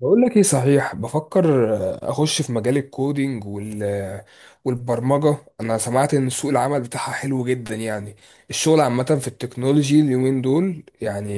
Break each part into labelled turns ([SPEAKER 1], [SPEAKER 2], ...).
[SPEAKER 1] بقول لك ايه صحيح بفكر اخش في مجال الكودينج وال والبرمجه انا سمعت ان سوق العمل بتاعها حلو جدا يعني الشغل عامه في التكنولوجي اليومين دول يعني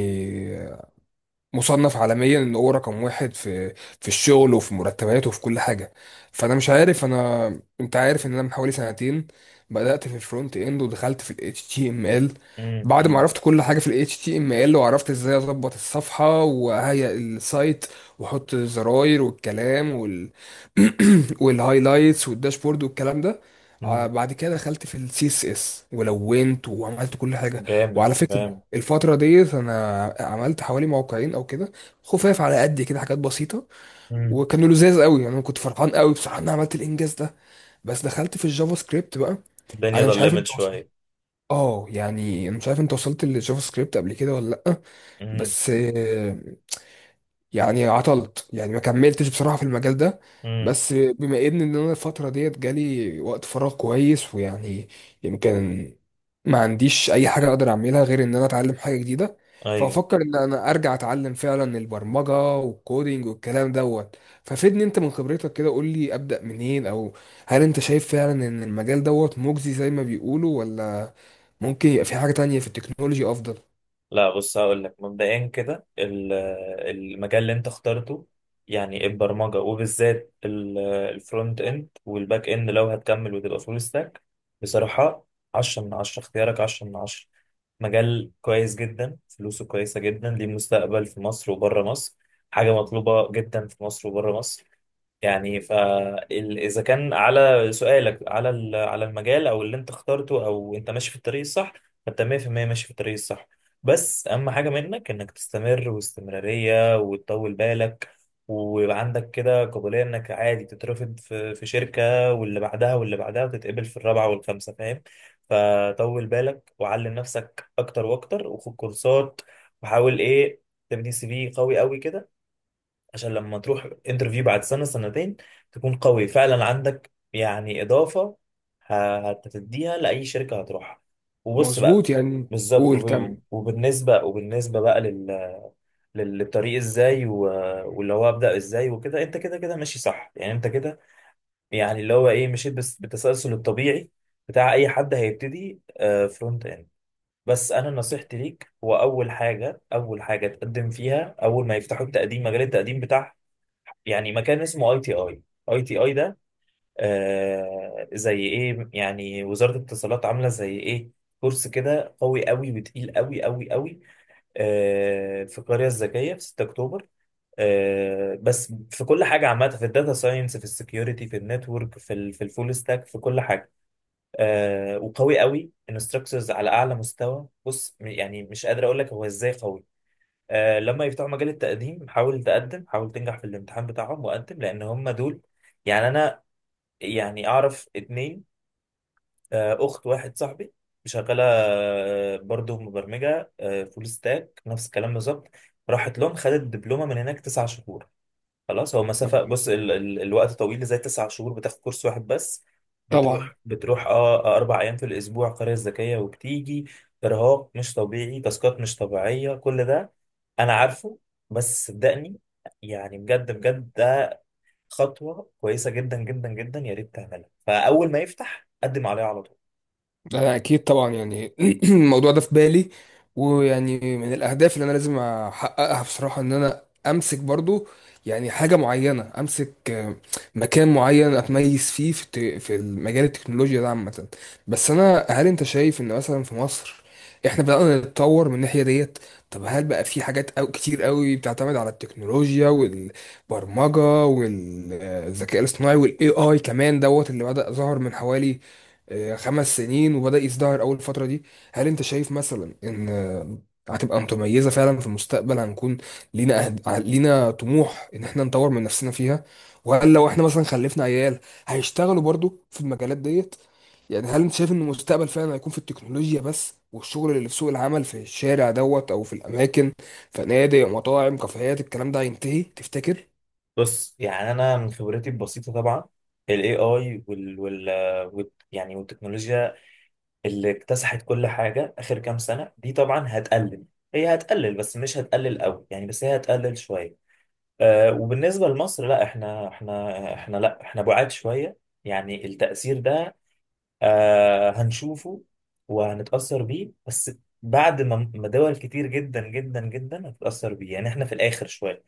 [SPEAKER 1] مصنف عالميا ان هو رقم واحد في الشغل وفي مرتباته وفي كل حاجه. فانا مش عارف انت عارف ان انا من حوالي سنتين بدات في الفرونت اند ودخلت في ال HTML.
[SPEAKER 2] مم،
[SPEAKER 1] بعد ما
[SPEAKER 2] مم،
[SPEAKER 1] عرفت كل حاجه في ال HTML وعرفت ازاي اظبط الصفحه وهيئ السايت واحط الزراير والكلام وال والهايلايتس والداشبورد والكلام ده.
[SPEAKER 2] مم.
[SPEAKER 1] بعد كده دخلت في السي اس اس ولونت وعملت كل حاجه.
[SPEAKER 2] جامد
[SPEAKER 1] وعلى فكرة
[SPEAKER 2] جامد.
[SPEAKER 1] الفترة ديت أنا عملت حوالي موقعين أو كده، خفاف على قد كده، حاجات بسيطة،
[SPEAKER 2] مم.
[SPEAKER 1] وكانوا لذاذ قوي، يعني أنا كنت فرحان قوي بصراحة إن أنا عملت الإنجاز ده. بس دخلت في الجافا سكريبت بقى.
[SPEAKER 2] الدنيا
[SPEAKER 1] أنا مش عارف
[SPEAKER 2] ظلمت
[SPEAKER 1] أنت وصلت
[SPEAKER 2] شوية.
[SPEAKER 1] أنا مش عارف أنت وصلت للجافا سكريبت قبل كده ولا لأ.
[SPEAKER 2] مم،
[SPEAKER 1] بس يعني عطلت، يعني ما كملتش بصراحة في المجال ده.
[SPEAKER 2] مم.
[SPEAKER 1] بس بما إن انا الفترة ديت جالي وقت فراغ كويس ويعني يمكن ما عنديش اي حاجة اقدر اعملها غير ان انا اتعلم حاجة جديدة.
[SPEAKER 2] أيوه.
[SPEAKER 1] فافكر ان انا ارجع اتعلم فعلا البرمجة والكودينج والكلام دوت. ففيدني انت من خبرتك كده، قول لي ابدأ منين، او هل انت شايف فعلا ان المجال دوت مجزي زي ما بيقولوا ولا ممكن يبقى في حاجة تانية في التكنولوجي افضل؟
[SPEAKER 2] لا، بص، هقول لك مبدئيا كده. المجال اللي أنت اخترته، يعني البرمجة وبالذات الفرونت إند والباك إند، لو هتكمل وتبقى فول ستاك بصراحة عشرة من عشرة، اختيارك عشرة من عشرة. مجال كويس جدا، فلوسه كويسة جدا، ليه مستقبل في مصر وبره مصر، حاجة مطلوبة جدا في مصر وبره مصر. يعني فإذا كان على سؤالك على على المجال أو اللي أنت اخترته، أو أنت ماشي في الطريق الصح، فأنت 100% ماشي في الطريق الصح. بس أهم حاجة منك إنك تستمر، واستمرارية وتطول بالك، ويبقى عندك كده قابلية إنك عادي تترفض في شركة واللي بعدها واللي بعدها، وتتقبل في الرابعة والخامسة، فاهم؟ فطول بالك، وعلم نفسك أكتر وأكتر، وخد كورسات، وحاول إيه، تبني سي في قوي قوي كده، عشان لما تروح انترفيو بعد سنة سنتين تكون قوي فعلا، عندك يعني إضافة هتديها لأي شركة هتروحها. وبص بقى،
[SPEAKER 1] مظبوط يعني.
[SPEAKER 2] بالظبط.
[SPEAKER 1] قول
[SPEAKER 2] وب-
[SPEAKER 1] كمل.
[SPEAKER 2] وبالنسبة وبالنسبة بقى للطريق، ازاي واللي هو أبدأ ازاي وكده؟ انت كده كده ماشي صح، يعني انت كده، يعني اللي هو ايه، مشيت بس بالتسلسل الطبيعي بتاع اي حد هيبتدي فرونت اند. بس انا نصيحتي ليك هو اول حاجة، اول حاجة تقدم فيها اول ما يفتحوا التقديم، مجال التقديم بتاعهم، يعني مكان اسمه اي تي اي. اي تي اي ده آه زي ايه يعني، وزارة الاتصالات عاملة زي ايه كورس كده قوي قوي وتقيل قوي قوي قوي. آه في القرية الذكية في 6 اكتوبر. آه، بس في كل حاجة عامة، في الداتا ساينس، في السكيورتي، في النتورك، في ال، في الفول ستاك، في كل حاجة. آه وقوي قوي، انستراكتورز على اعلى مستوى. بص يعني مش قادر اقول لك هو ازاي قوي. لما يفتحوا مجال التقديم حاول تقدم، حاول تنجح في الامتحان بتاعهم وقدم، لان هم دول. يعني انا يعني اعرف اتنين، اخت واحد صاحبي شغاله، برضه مبرمجه فول ستاك نفس الكلام بالظبط. راحت لهم خدت دبلومه من هناك 9 شهور. خلاص هو مسافة، بص ال الوقت طويل، زي 9 شهور بتاخد كورس واحد بس.
[SPEAKER 1] طبعا.
[SPEAKER 2] بتروح اه 4 أيام في الأسبوع قرية ذكية وبتيجي. إرهاق مش طبيعي، تاسكات مش طبيعية كل ده، أنا عارفه، بس صدقني، يعني بجد بجد ده خطوة كويسة جدا جدا جدا، يا ريت تعملها. فأول ما يفتح قدم عليها على طول.
[SPEAKER 1] أنا أكيد طبعا يعني الموضوع ده في بالي، ويعني من الأهداف اللي أنا لازم أحققها بصراحة إن أنا أمسك برضو يعني حاجة معينة، أمسك مكان معين أتميز فيه في في مجال التكنولوجيا ده عامة. بس أنا هل أنت شايف إن مثلا في مصر إحنا بدأنا نتطور من الناحية ديت؟ طب هل بقى في حاجات أو كتير قوي بتعتمد على التكنولوجيا والبرمجة والذكاء الاصطناعي والاي اي كمان دوت اللي بدأ ظهر من حوالي خمس سنين وبدأ يزدهر أول فترة دي؟ هل أنت شايف مثلا إن هتبقى متميزة فعلا في المستقبل؟ هنكون لينا لينا طموح إن إحنا نطور من نفسنا فيها؟ وهل لو إحنا مثلا خلفنا عيال هيشتغلوا برضو في المجالات ديت؟ يعني هل أنت شايف إن المستقبل فعلا هيكون في التكنولوجيا بس، والشغل اللي في سوق العمل في الشارع دوت أو في الأماكن، فنادق مطاعم كافيهات الكلام ده هينتهي تفتكر؟
[SPEAKER 2] بص يعني أنا من خبرتي البسيطة طبعا، ال AI وال يعني والتكنولوجيا اللي اكتسحت كل حاجة آخر كام سنة دي طبعا هتقلل. هي هتقلل بس مش هتقلل قوي يعني، بس هي هتقلل شوية. آه وبالنسبة لمصر، لا، احنا لا، احنا بعاد شوية. يعني التأثير ده آه هنشوفه وهنتأثر بيه، بس بعد ما دول كتير جدا جدا جدا هتتأثر بيه. يعني احنا في الآخر شوية.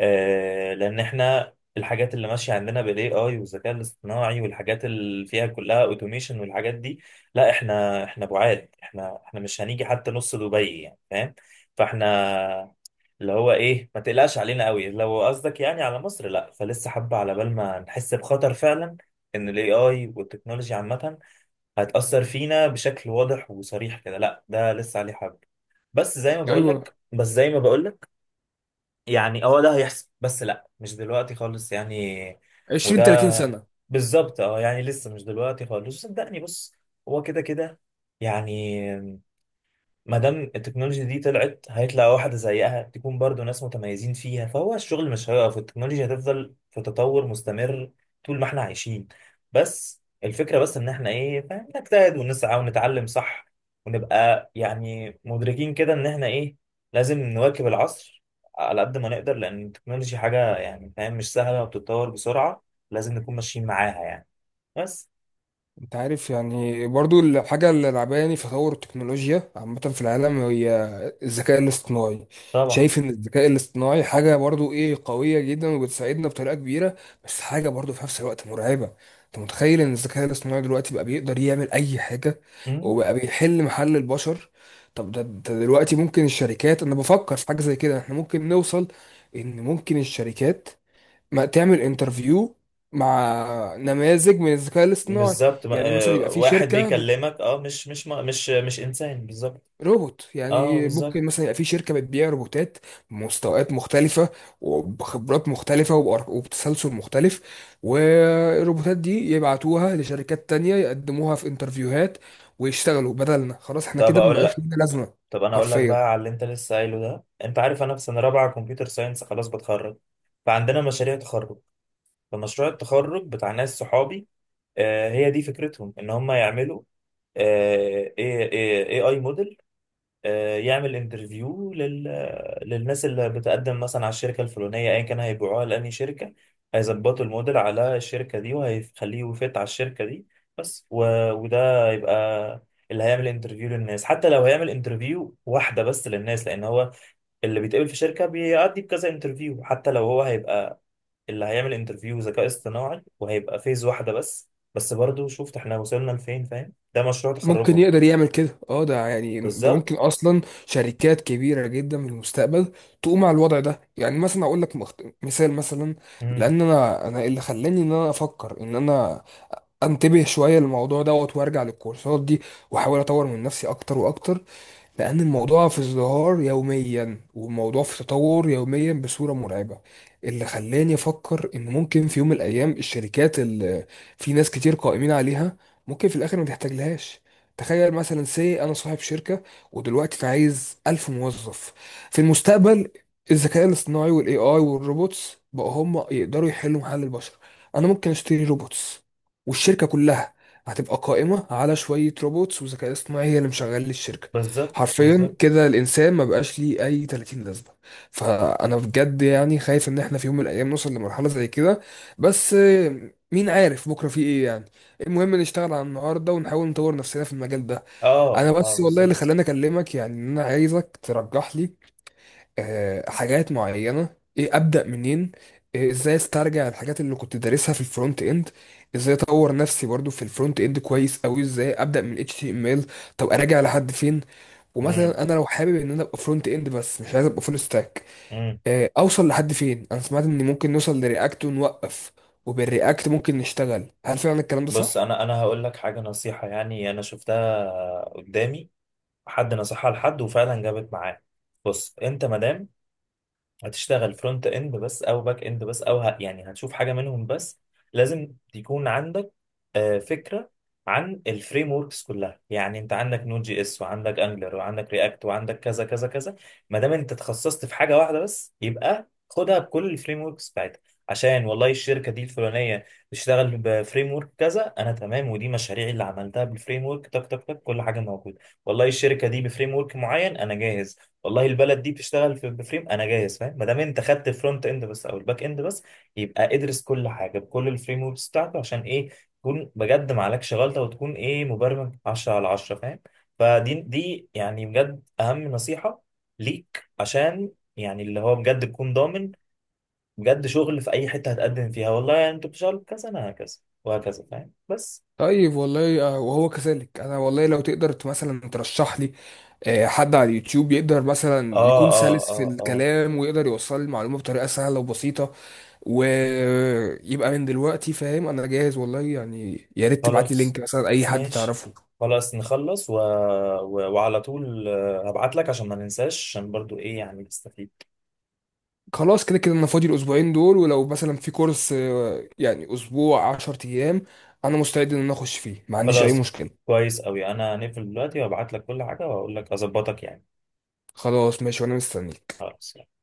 [SPEAKER 2] لان احنا الحاجات اللي ماشيه عندنا بالاي اي والذكاء الاصطناعي، والحاجات اللي فيها كلها اوتوميشن والحاجات دي، لا، احنا بعاد، احنا مش هنيجي حتى نص دبي يعني، فاهم؟ فاحنا اللي هو ايه، ما تقلقش علينا قوي، لو قصدك يعني على مصر. لا، فلسه حبه على بال ما نحس بخطر فعلا ان الاي اي والتكنولوجيا عامه هتاثر فينا بشكل واضح وصريح كده. لا، ده لسه عليه حبه. بس زي ما بقول لك،
[SPEAKER 1] ايوه.
[SPEAKER 2] بس زي ما بقول لك، يعني اه ده هيحصل، بس لا مش دلوقتي خالص يعني.
[SPEAKER 1] 20
[SPEAKER 2] وده
[SPEAKER 1] 30 سنة.
[SPEAKER 2] بالظبط، اه يعني لسه مش دلوقتي خالص، صدقني. بص هو كده كده يعني، ما دام التكنولوجيا دي طلعت، هيطلع واحدة زيها تكون برضو ناس متميزين فيها، فهو الشغل مش هيقف، التكنولوجيا هتفضل في تطور مستمر طول ما احنا عايشين. بس الفكرة بس ان احنا ايه، فاهم؟ نجتهد ونسعى ونتعلم صح، ونبقى يعني مدركين كده ان احنا ايه، لازم نواكب العصر على قد ما نقدر، لان التكنولوجيا حاجة يعني فاهم مش سهلة وبتتطور بسرعة، لازم نكون ماشيين معاها يعني بس.
[SPEAKER 1] انت عارف يعني برضو الحاجة اللي لعباني في تطور التكنولوجيا عامة في العالم هي الذكاء الاصطناعي.
[SPEAKER 2] طبعا.
[SPEAKER 1] شايف ان الذكاء الاصطناعي حاجة برضو ايه، قوية جدا وبتساعدنا بطريقة كبيرة، بس حاجة برضو في نفس الوقت مرعبة. انت متخيل ان الذكاء الاصطناعي دلوقتي بقى بيقدر يعمل اي حاجة وبقى بيحل محل البشر؟ طب ده دلوقتي ممكن الشركات، انا بفكر في حاجة زي كده، احنا ممكن نوصل ان ممكن الشركات ما تعمل انترفيو مع نماذج من الذكاء الاصطناعي.
[SPEAKER 2] بالظبط،
[SPEAKER 1] يعني مثلا يبقى في
[SPEAKER 2] واحد بيكلمك اه مش مش ما- مش مش انسان، بالظبط.
[SPEAKER 1] روبوت،
[SPEAKER 2] اه
[SPEAKER 1] يعني
[SPEAKER 2] بالظبط.
[SPEAKER 1] ممكن مثلا يبقى في شركة بتبيع روبوتات بمستويات مختلفة وبخبرات مختلفة وبتسلسل مختلف، والروبوتات دي يبعتوها لشركات تانية يقدموها في انترفيوهات ويشتغلوا بدلنا، خلاص احنا
[SPEAKER 2] طب
[SPEAKER 1] كده
[SPEAKER 2] اقول
[SPEAKER 1] مبقاش
[SPEAKER 2] لك،
[SPEAKER 1] لنا لازمة
[SPEAKER 2] طب اقول لك بقى
[SPEAKER 1] حرفيا.
[SPEAKER 2] على اللي انت لسه قايله ده. انت عارف انا في سنه رابعه كمبيوتر ساينس خلاص بتخرج، فعندنا مشاريع تخرج، فمشروع التخرج بتاع ناس صحابي، آه هي دي فكرتهم ان هم يعملوا آه اي اي موديل يعمل انترفيو للناس اللي بتقدم مثلا على الشركة الفلانية، ايا كان هيبيعوها لأني شركة، هيظبطوا الموديل على الشركة دي وهيخليه يفت على الشركة دي بس. وده يبقى اللي هيعمل انترفيو للناس، حتى لو هيعمل انترفيو واحدة بس للناس، لأن هو اللي بيتقبل في شركة بيعدي بكذا انترفيو، حتى لو هو هيبقى اللي هيعمل انترفيو ذكاء اصطناعي وهيبقى فيز واحدة بس برضو شفت احنا وصلنا لفين، فاهم؟ ده مشروع
[SPEAKER 1] ممكن
[SPEAKER 2] تخرجهم.
[SPEAKER 1] يقدر يعمل كده؟ اه ده يعني ده
[SPEAKER 2] بالظبط.
[SPEAKER 1] ممكن اصلا شركات كبيره جدا في المستقبل تقوم على الوضع ده. يعني مثلا اقول لك مثال مثلا،
[SPEAKER 2] مم.
[SPEAKER 1] لان انا اللي خلاني ان انا افكر ان انا انتبه شويه للموضوع دوت وارجع للكورسات دي واحاول اطور من نفسي اكتر واكتر، لأن الموضوع في ازدهار يوميا والموضوع في تطور يوميا بصورة مرعبة. اللي خلاني أفكر إن ممكن في يوم من الأيام الشركات اللي في ناس كتير قائمين عليها ممكن في الآخر ما تحتاجلهاش. تخيل مثلا سي أنا صاحب شركة ودلوقتي عايز ألف موظف، في المستقبل الذكاء الاصطناعي والاي اي والروبوتس بقوا هم يقدروا يحلوا محل البشر، انا ممكن اشتري روبوتس والشركه كلها هتبقى قائمه على شويه روبوتس وذكاء اصطناعي هي اللي مشغل لي الشركه
[SPEAKER 2] بالظبط بالظبط.
[SPEAKER 1] حرفيا. كده الانسان ما بقاش ليه اي 30 لازمه. فانا بجد يعني خايف ان احنا في يوم من الايام نوصل لمرحله زي كده. بس مين عارف بكره في ايه يعني. المهم نشتغل على النهارده ونحاول نطور نفسنا في المجال ده. انا
[SPEAKER 2] اه اه
[SPEAKER 1] بس والله اللي
[SPEAKER 2] بالظبط.
[SPEAKER 1] خلاني اكلمك يعني ان انا عايزك ترجح لي حاجات معينة. ايه، ابدأ منين؟ إيه، ازاي استرجع الحاجات اللي كنت دارسها في الفرونت اند؟ ازاي اطور نفسي برضو في الفرونت اند كويس قوي؟ ازاي ابدأ من HTML؟ طب اراجع لحد فين؟
[SPEAKER 2] امم،
[SPEAKER 1] ومثلا انا لو حابب ان انا ابقى فرونت اند بس مش عايز ابقى فول ستاك،
[SPEAKER 2] امم.
[SPEAKER 1] اوصل لحد فين؟ انا سمعت ان ممكن نوصل لرياكت ونوقف وبالرياكت ممكن نشتغل، هل فعلا الكلام ده
[SPEAKER 2] بص
[SPEAKER 1] صح؟
[SPEAKER 2] انا هقول لك حاجه، نصيحه يعني انا شفتها قدامي حد نصحها لحد وفعلا جابت معاه. بص انت مادام هتشتغل فرونت اند بس او باك اند بس يعني هتشوف حاجه منهم بس، لازم يكون عندك فكره عن الفريم وركس كلها، يعني انت عندك نود جي اس وعندك انجلر وعندك رياكت وعندك كذا كذا كذا. ما دام انت تخصصت في حاجه واحده بس، يبقى خدها بكل الفريم وركس بتاعتها، عشان والله الشركه دي الفلانيه بتشتغل بفريم ورك كذا انا تمام، ودي مشاريعي اللي عملتها بالفريم ورك تك تك تك كل حاجه موجوده، والله الشركه دي بفريم ورك معين انا جاهز، والله البلد دي بتشتغل في بفريم انا جاهز، فاهم؟ ما دام انت خدت الفرونت اند بس او الباك اند بس، يبقى ادرس كل حاجه بكل الفريم وركس بتاعته عشان ايه، تكون بجد ما عليكش غلطه، وتكون ايه، مبرمج 10 على 10، فاهم؟ فدي يعني بجد اهم نصيحه ليك، عشان يعني اللي هو بجد تكون ضامن بجد شغل في اي حته هتقدم فيها، والله يعني انتوا بتشتغلوا كذا انا هكذا وهكذا، فاهم؟ بس.
[SPEAKER 1] طيب والله وهو كذلك. انا والله لو تقدر مثلا ترشح لي حد على اليوتيوب يقدر مثلا
[SPEAKER 2] اه
[SPEAKER 1] يكون
[SPEAKER 2] اه
[SPEAKER 1] سلس في
[SPEAKER 2] اه آه.
[SPEAKER 1] الكلام ويقدر يوصل المعلومة بطريقة سهلة وبسيطة ويبقى من دلوقتي فاهم انا جاهز، والله يعني يا ريت تبعت لي
[SPEAKER 2] خلاص
[SPEAKER 1] لينك مثلا اي حد
[SPEAKER 2] ماشي،
[SPEAKER 1] تعرفه.
[SPEAKER 2] خلاص نخلص وعلى طول هبعت لك عشان ما ننساش عشان برضو ايه يعني نستفيد.
[SPEAKER 1] خلاص كده كده انا فاضي الاسبوعين دول، ولو مثلا في كورس يعني اسبوع عشر ايام انا مستعد ان انا اخش فيه، ما عنديش اي
[SPEAKER 2] خلاص
[SPEAKER 1] مشكلة.
[SPEAKER 2] كويس قوي، انا هنقفل دلوقتي وابعت لك كل حاجة واقول لك اظبطك يعني.
[SPEAKER 1] خلاص ماشي وانا مستنيك.
[SPEAKER 2] خلاص.